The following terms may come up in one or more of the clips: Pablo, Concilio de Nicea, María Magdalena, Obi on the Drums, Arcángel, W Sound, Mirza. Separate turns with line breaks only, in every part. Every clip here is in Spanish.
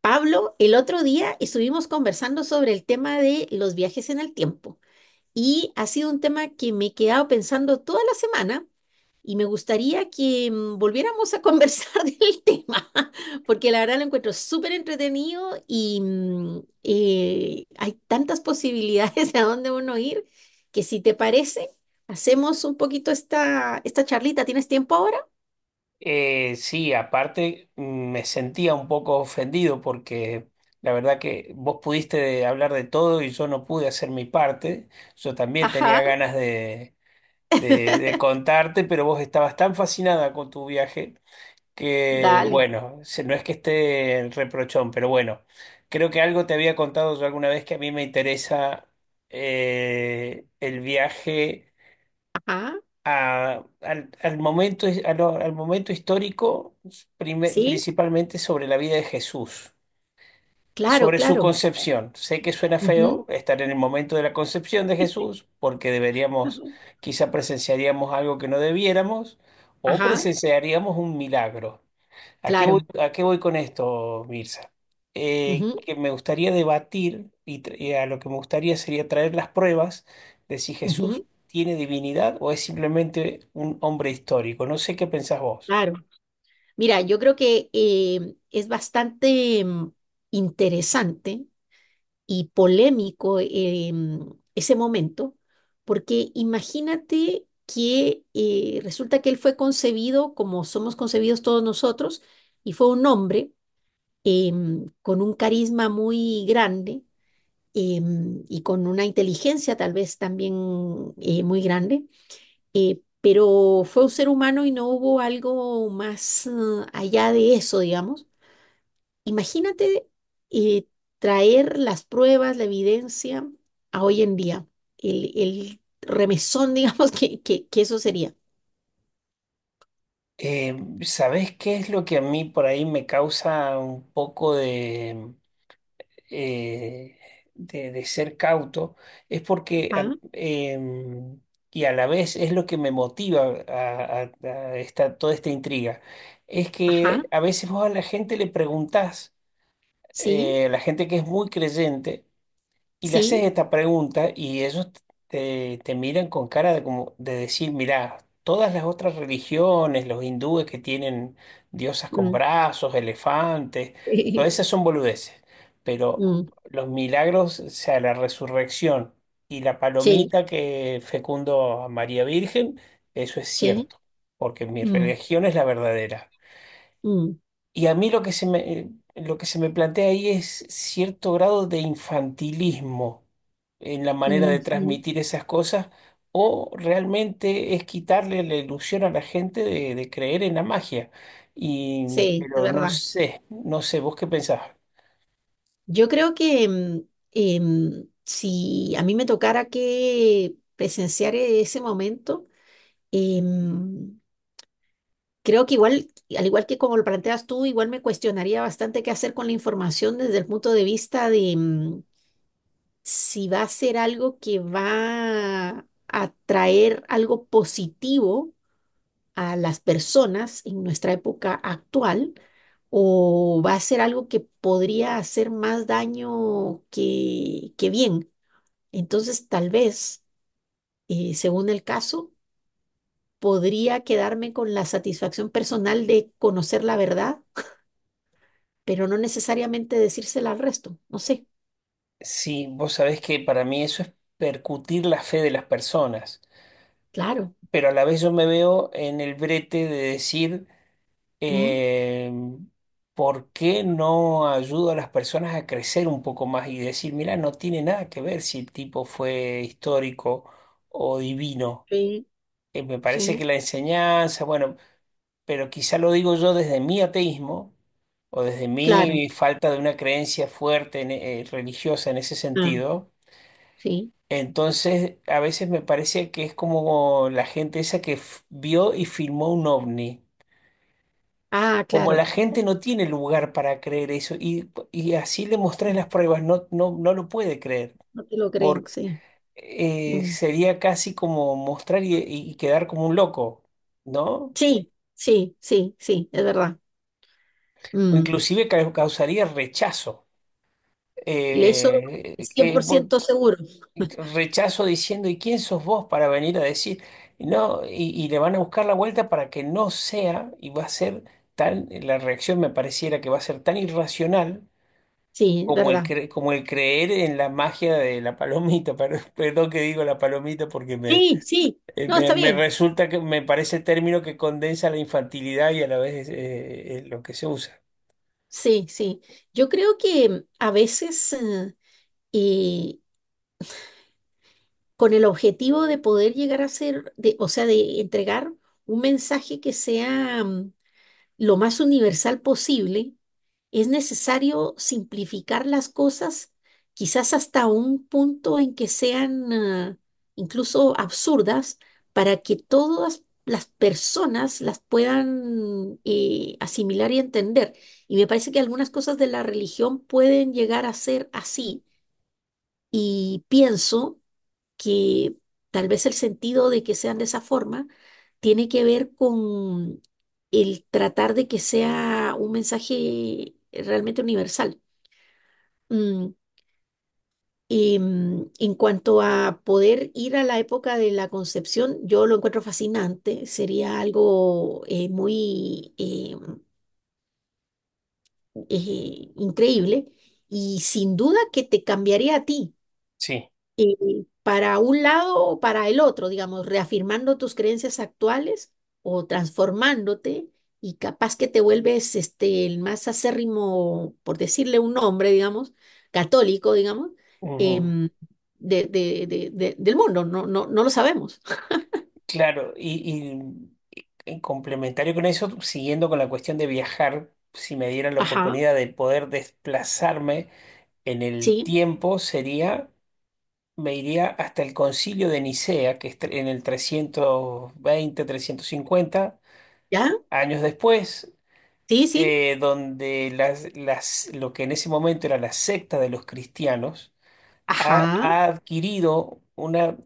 Pablo, el otro día estuvimos conversando sobre el tema de los viajes en el tiempo y ha sido un tema que me he quedado pensando toda la semana y me gustaría que volviéramos a conversar del tema, porque la verdad lo encuentro súper entretenido y hay tantas posibilidades a dónde uno ir que si te parece, hacemos un poquito esta charlita. ¿Tienes tiempo ahora?
Sí, aparte me sentía un poco ofendido porque la verdad que vos pudiste hablar de todo y yo no pude hacer mi parte. Yo también tenía
Ajá.
ganas de, de contarte, pero vos estabas tan fascinada con tu viaje que,
Dale.
bueno, se- no es que esté el reprochón, pero bueno, creo que algo te había contado yo alguna vez que a mí me interesa el viaje
Ajá.
al momento, al momento histórico,
Sí,
principalmente sobre la vida de Jesús,
claro,
sobre su
claro.
concepción. Sé que suena feo
Ujú,
estar en el momento de la concepción de Jesús, porque deberíamos,
ujú.
quizá presenciaríamos algo que no debiéramos, o
Ajá,
presenciaríamos un milagro.
claro.
A qué voy con esto, Mirza?
Ujú,
Que me gustaría debatir y, y a lo que me gustaría sería traer las pruebas de si Jesús
ujú,
tiene divinidad o es simplemente un hombre histórico. No sé qué pensás vos.
claro. Mira, yo creo que es bastante interesante y polémico ese momento, porque imagínate que resulta que él fue concebido como somos concebidos todos nosotros, y fue un hombre con un carisma muy grande y con una inteligencia tal vez también muy grande, pero fue un ser humano y no hubo algo más allá de eso, digamos. Imagínate, eh, traer las pruebas, la evidencia a hoy en día, el remesón, digamos, que eso sería.
Eh, ¿Sabés qué es lo que a mí por ahí me causa un poco eh, de ser cauto es porque,
Ajá,
y a la vez es lo que me motiva a, a esta, toda esta intriga, es
ajá,
que a veces vos a la gente le preguntás,
sí,
a la gente que es muy creyente, y le haces
sí,
esta pregunta y ellos te, te miran con cara de, como, de decir, mirá, todas las otras religiones, los hindúes que tienen diosas con
mm,
brazos, elefantes, todas esas son boludeces, pero
mm,
los milagros, o sea, la resurrección y la
sí,
palomita que fecundó a María Virgen, eso es
sí,
cierto, porque mi
mm,
religión es la verdadera.
mm,
Y a mí lo que se me, lo que se me plantea ahí es cierto grado de infantilismo en la manera
mm,
de transmitir esas cosas, o realmente es quitarle la ilusión a la gente de creer en la magia. Y,
sí, es
pero no
verdad.
sé, no sé, ¿vos qué pensás?
Yo creo que si a mí me tocara que presenciar ese momento, em, creo que igual, al igual que como lo planteas tú, igual me cuestionaría bastante qué hacer con la información desde el punto de vista de si va a ser algo que va a traer algo positivo a las personas en nuestra época actual o va a ser algo que podría hacer más daño que bien. Entonces, tal vez, según el caso, podría quedarme con la satisfacción personal de conocer la verdad, pero no necesariamente decírsela al resto. No sé,
Sí, vos sabés que para mí eso es percutir la fe de las personas,
claro.
pero a la vez yo me veo en el brete de decir
Mm,
eh, ¿por qué no ayudo a las personas a crecer un poco más y decir, mira, no tiene nada que ver si el tipo fue histórico o divino?
sí,
Me parece que
sí,
la enseñanza, bueno, pero quizá lo digo yo desde mi ateísmo o desde
claro.
mi falta de una creencia fuerte religiosa en ese
Ah,
sentido.
sí.
Entonces, a veces me parece que es como la gente esa que vio y filmó un ovni.
Ah,
Como la
claro.
gente no tiene lugar para creer eso, y así le mostrás
Sí,
las pruebas, no, no, no lo puede creer,
no te lo creen,
porque
sí. Mm.
sería casi como mostrar y quedar como un loco, ¿no?
Sí, sí, sí, sí, es verdad.
O
Mm,
inclusive causaría rechazo.
eso
Eh,
es cien
eh,
por
vo-
ciento seguro.
rechazo diciendo, ¿y quién sos vos para venir a decir? No, y le van a buscar la vuelta para que no sea, y va a ser tan, la reacción me pareciera que va a ser tan irracional
Sí, es
como el,
verdad.
como el creer en la magia de la palomita, pero- perdón que digo la palomita porque me,
Sí, sí. No,
me,
está
me
bien.
resulta que me parece el término que condensa la infantilidad y a la vez lo que se usa.
Sí, sí. Yo creo que a veces eh, con el objetivo de poder llegar a ser, de, o sea, de entregar un mensaje que sea lo más universal posible, es necesario simplificar las cosas, quizás hasta un punto en que sean incluso absurdas, para que todas las personas las puedan asimilar y entender. Y me parece que algunas cosas de la religión pueden llegar a ser así. Y pienso que tal vez el sentido de que sean de esa forma tiene que ver con el tratar de que sea un mensaje realmente universal. Mm, y en cuanto a poder ir a la época de la concepción, yo lo encuentro fascinante, sería algo muy increíble y sin duda que te cambiaría a ti.
Sí.
Y para un lado o para el otro, digamos, reafirmando tus creencias actuales o transformándote, y capaz que te vuelves este, el más acérrimo, por decirle un nombre, digamos, católico, digamos,
Ujú.
em, de, del mundo, no, no, no lo sabemos.
Claro, y, y complementario con eso, siguiendo con la cuestión de viajar, si me dieran la
Ajá,
oportunidad de poder desplazarme en el
sí,
tiempo, sería, me iría hasta el Concilio de Nicea, que es en el 320 350
ya,
años después,
sí, sí,
donde lo que en ese momento era la secta de los cristianos ha,
ajá,
ha adquirido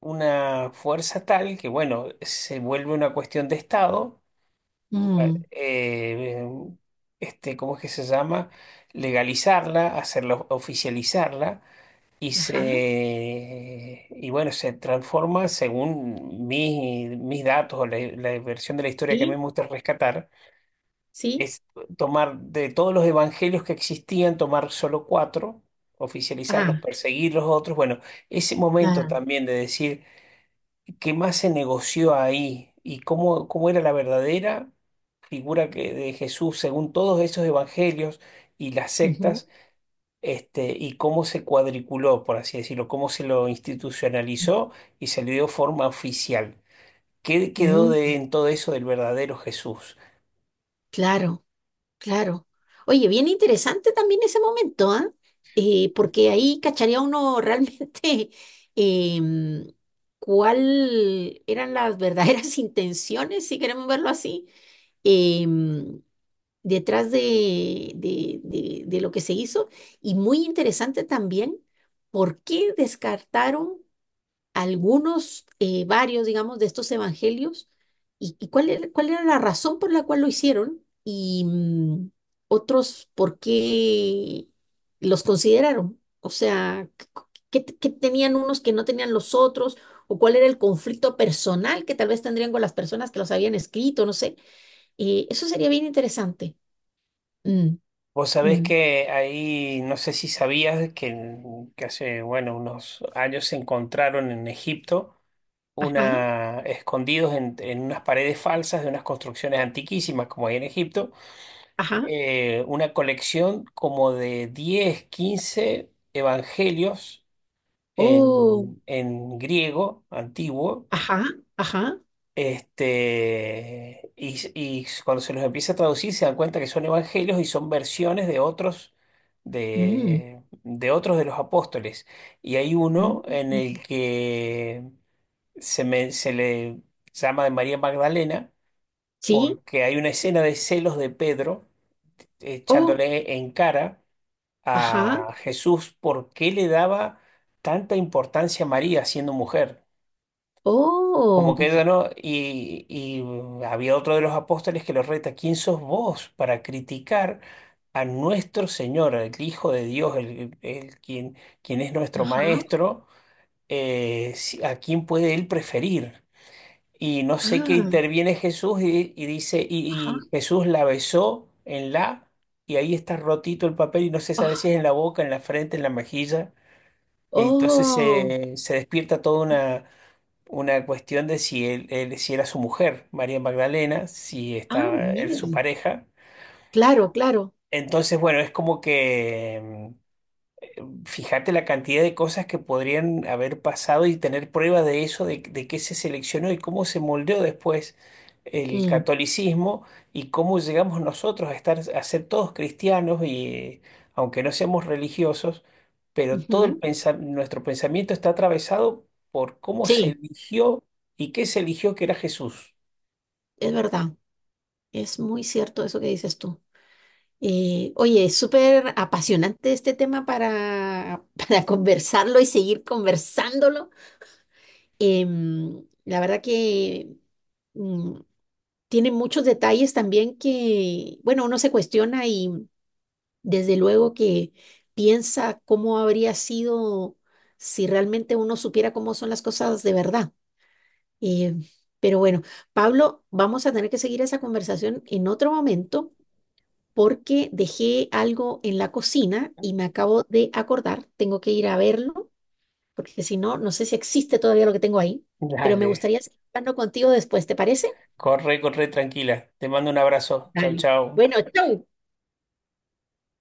una fuerza tal que, bueno, se vuelve una cuestión de Estado,
mm,
eh, este, ¿cómo es que se llama? Legalizarla, hacerlo, oficializarla. Y
ajá,
se, y bueno, se transforma según mis, mis datos o la la versión de la historia que a mí
sí,
me gusta rescatar,
sí,
es tomar de todos los evangelios que existían, tomar solo cuatro, oficializarlos,
ah,
perseguir los otros. Bueno, ese momento
ah,
también de decir qué más se negoció ahí y cómo, cómo era la verdadera figura que, de Jesús según todos esos evangelios y las
ujú,
sectas. Este, y cómo se cuadriculó, por así decirlo, cómo se lo institucionalizó y se le dio forma oficial. ¿Qué quedó de,
mm,
en todo eso del verdadero Jesús?
claro. Claro. Oye, bien interesante también ese momento, ¿ah? Porque ahí cacharía uno realmente em, cuál eran las verdaderas intenciones, si queremos verlo así, em, detrás de- lo que se hizo. Y muy interesante también por qué descartaron algunos, varios, digamos, de estos evangelios y cuál era la razón por la cual lo hicieron y otros por qué los consideraron. O sea, ¿qué, qué tenían unos que no tenían los otros? ¿O cuál era el conflicto personal que tal vez tendrían con las personas que los habían escrito? No sé. Eso sería bien interesante. Mm,
Vos sabés
mm,
que ahí, no sé si sabías que hace, bueno, unos años se encontraron en Egipto
ajá,
una, escondidos en unas paredes falsas de unas construcciones antiquísimas como hay en Egipto,
ajá.
una colección como de 10 15 evangelios
Oh,
en griego antiguo
ajá, ajá.
este, y cuando se los empieza a traducir se dan cuenta que son evangelios y son versiones
Mm,
de otros de los apóstoles. Y hay uno
mm,
en el que se, se le llama de María Magdalena
sí.
porque hay una escena de celos de Pedro
Oh.
echándole en cara
Ajá.
a Jesús por qué le daba tanta importancia a María siendo mujer. Como que
Oh,
ella no, y había otro de los apóstoles que lo reta, ¿quién sos vos para criticar a nuestro Señor, el Hijo de Dios, el quien, quien es nuestro
ajá.
Maestro, a quién puede él preferir? Y no sé qué
Ah,
interviene Jesús y dice,
ajá.
y Jesús la besó en la, y ahí está rotito el papel y no se sabe si
Ah,
es en la boca, en la frente, en la mejilla. Entonces
oh,
se despierta toda una cuestión de si él, si era su mujer, María Magdalena, si
ah,
estaba él su
miren.
pareja.
Claro, claro.
Entonces, bueno, es como que fíjate la cantidad de cosas que podrían haber pasado y tener prueba de eso, de qué se seleccionó y cómo se moldeó después el
Mm,
catolicismo y cómo llegamos nosotros a estar, a ser todos cristianos y aunque no seamos religiosos, pero todo el
ujú.
nuestro pensamiento está atravesado por cómo se
Sí,
eligió y qué se eligió que era Jesús.
es verdad. Es muy cierto eso que dices tú. Oye, es súper apasionante este tema para para conversarlo y seguir conversándolo. Em, la verdad que mm, tiene muchos detalles también que, bueno, uno se cuestiona. Desde luego que piensa cómo habría sido si realmente uno supiera cómo son las cosas de verdad. Eh, pero bueno, Pablo, vamos a tener que seguir esa conversación en otro momento porque dejé algo en la cocina y me acabo de acordar, tengo que ir a verlo, porque si no, no sé si existe todavía lo que tengo ahí, pero me
Dale,
gustaría seguir hablando contigo después, ¿te parece?
corre, corre tranquila. Te mando un abrazo. Chau,
Dale.
chau.
Bueno, chau.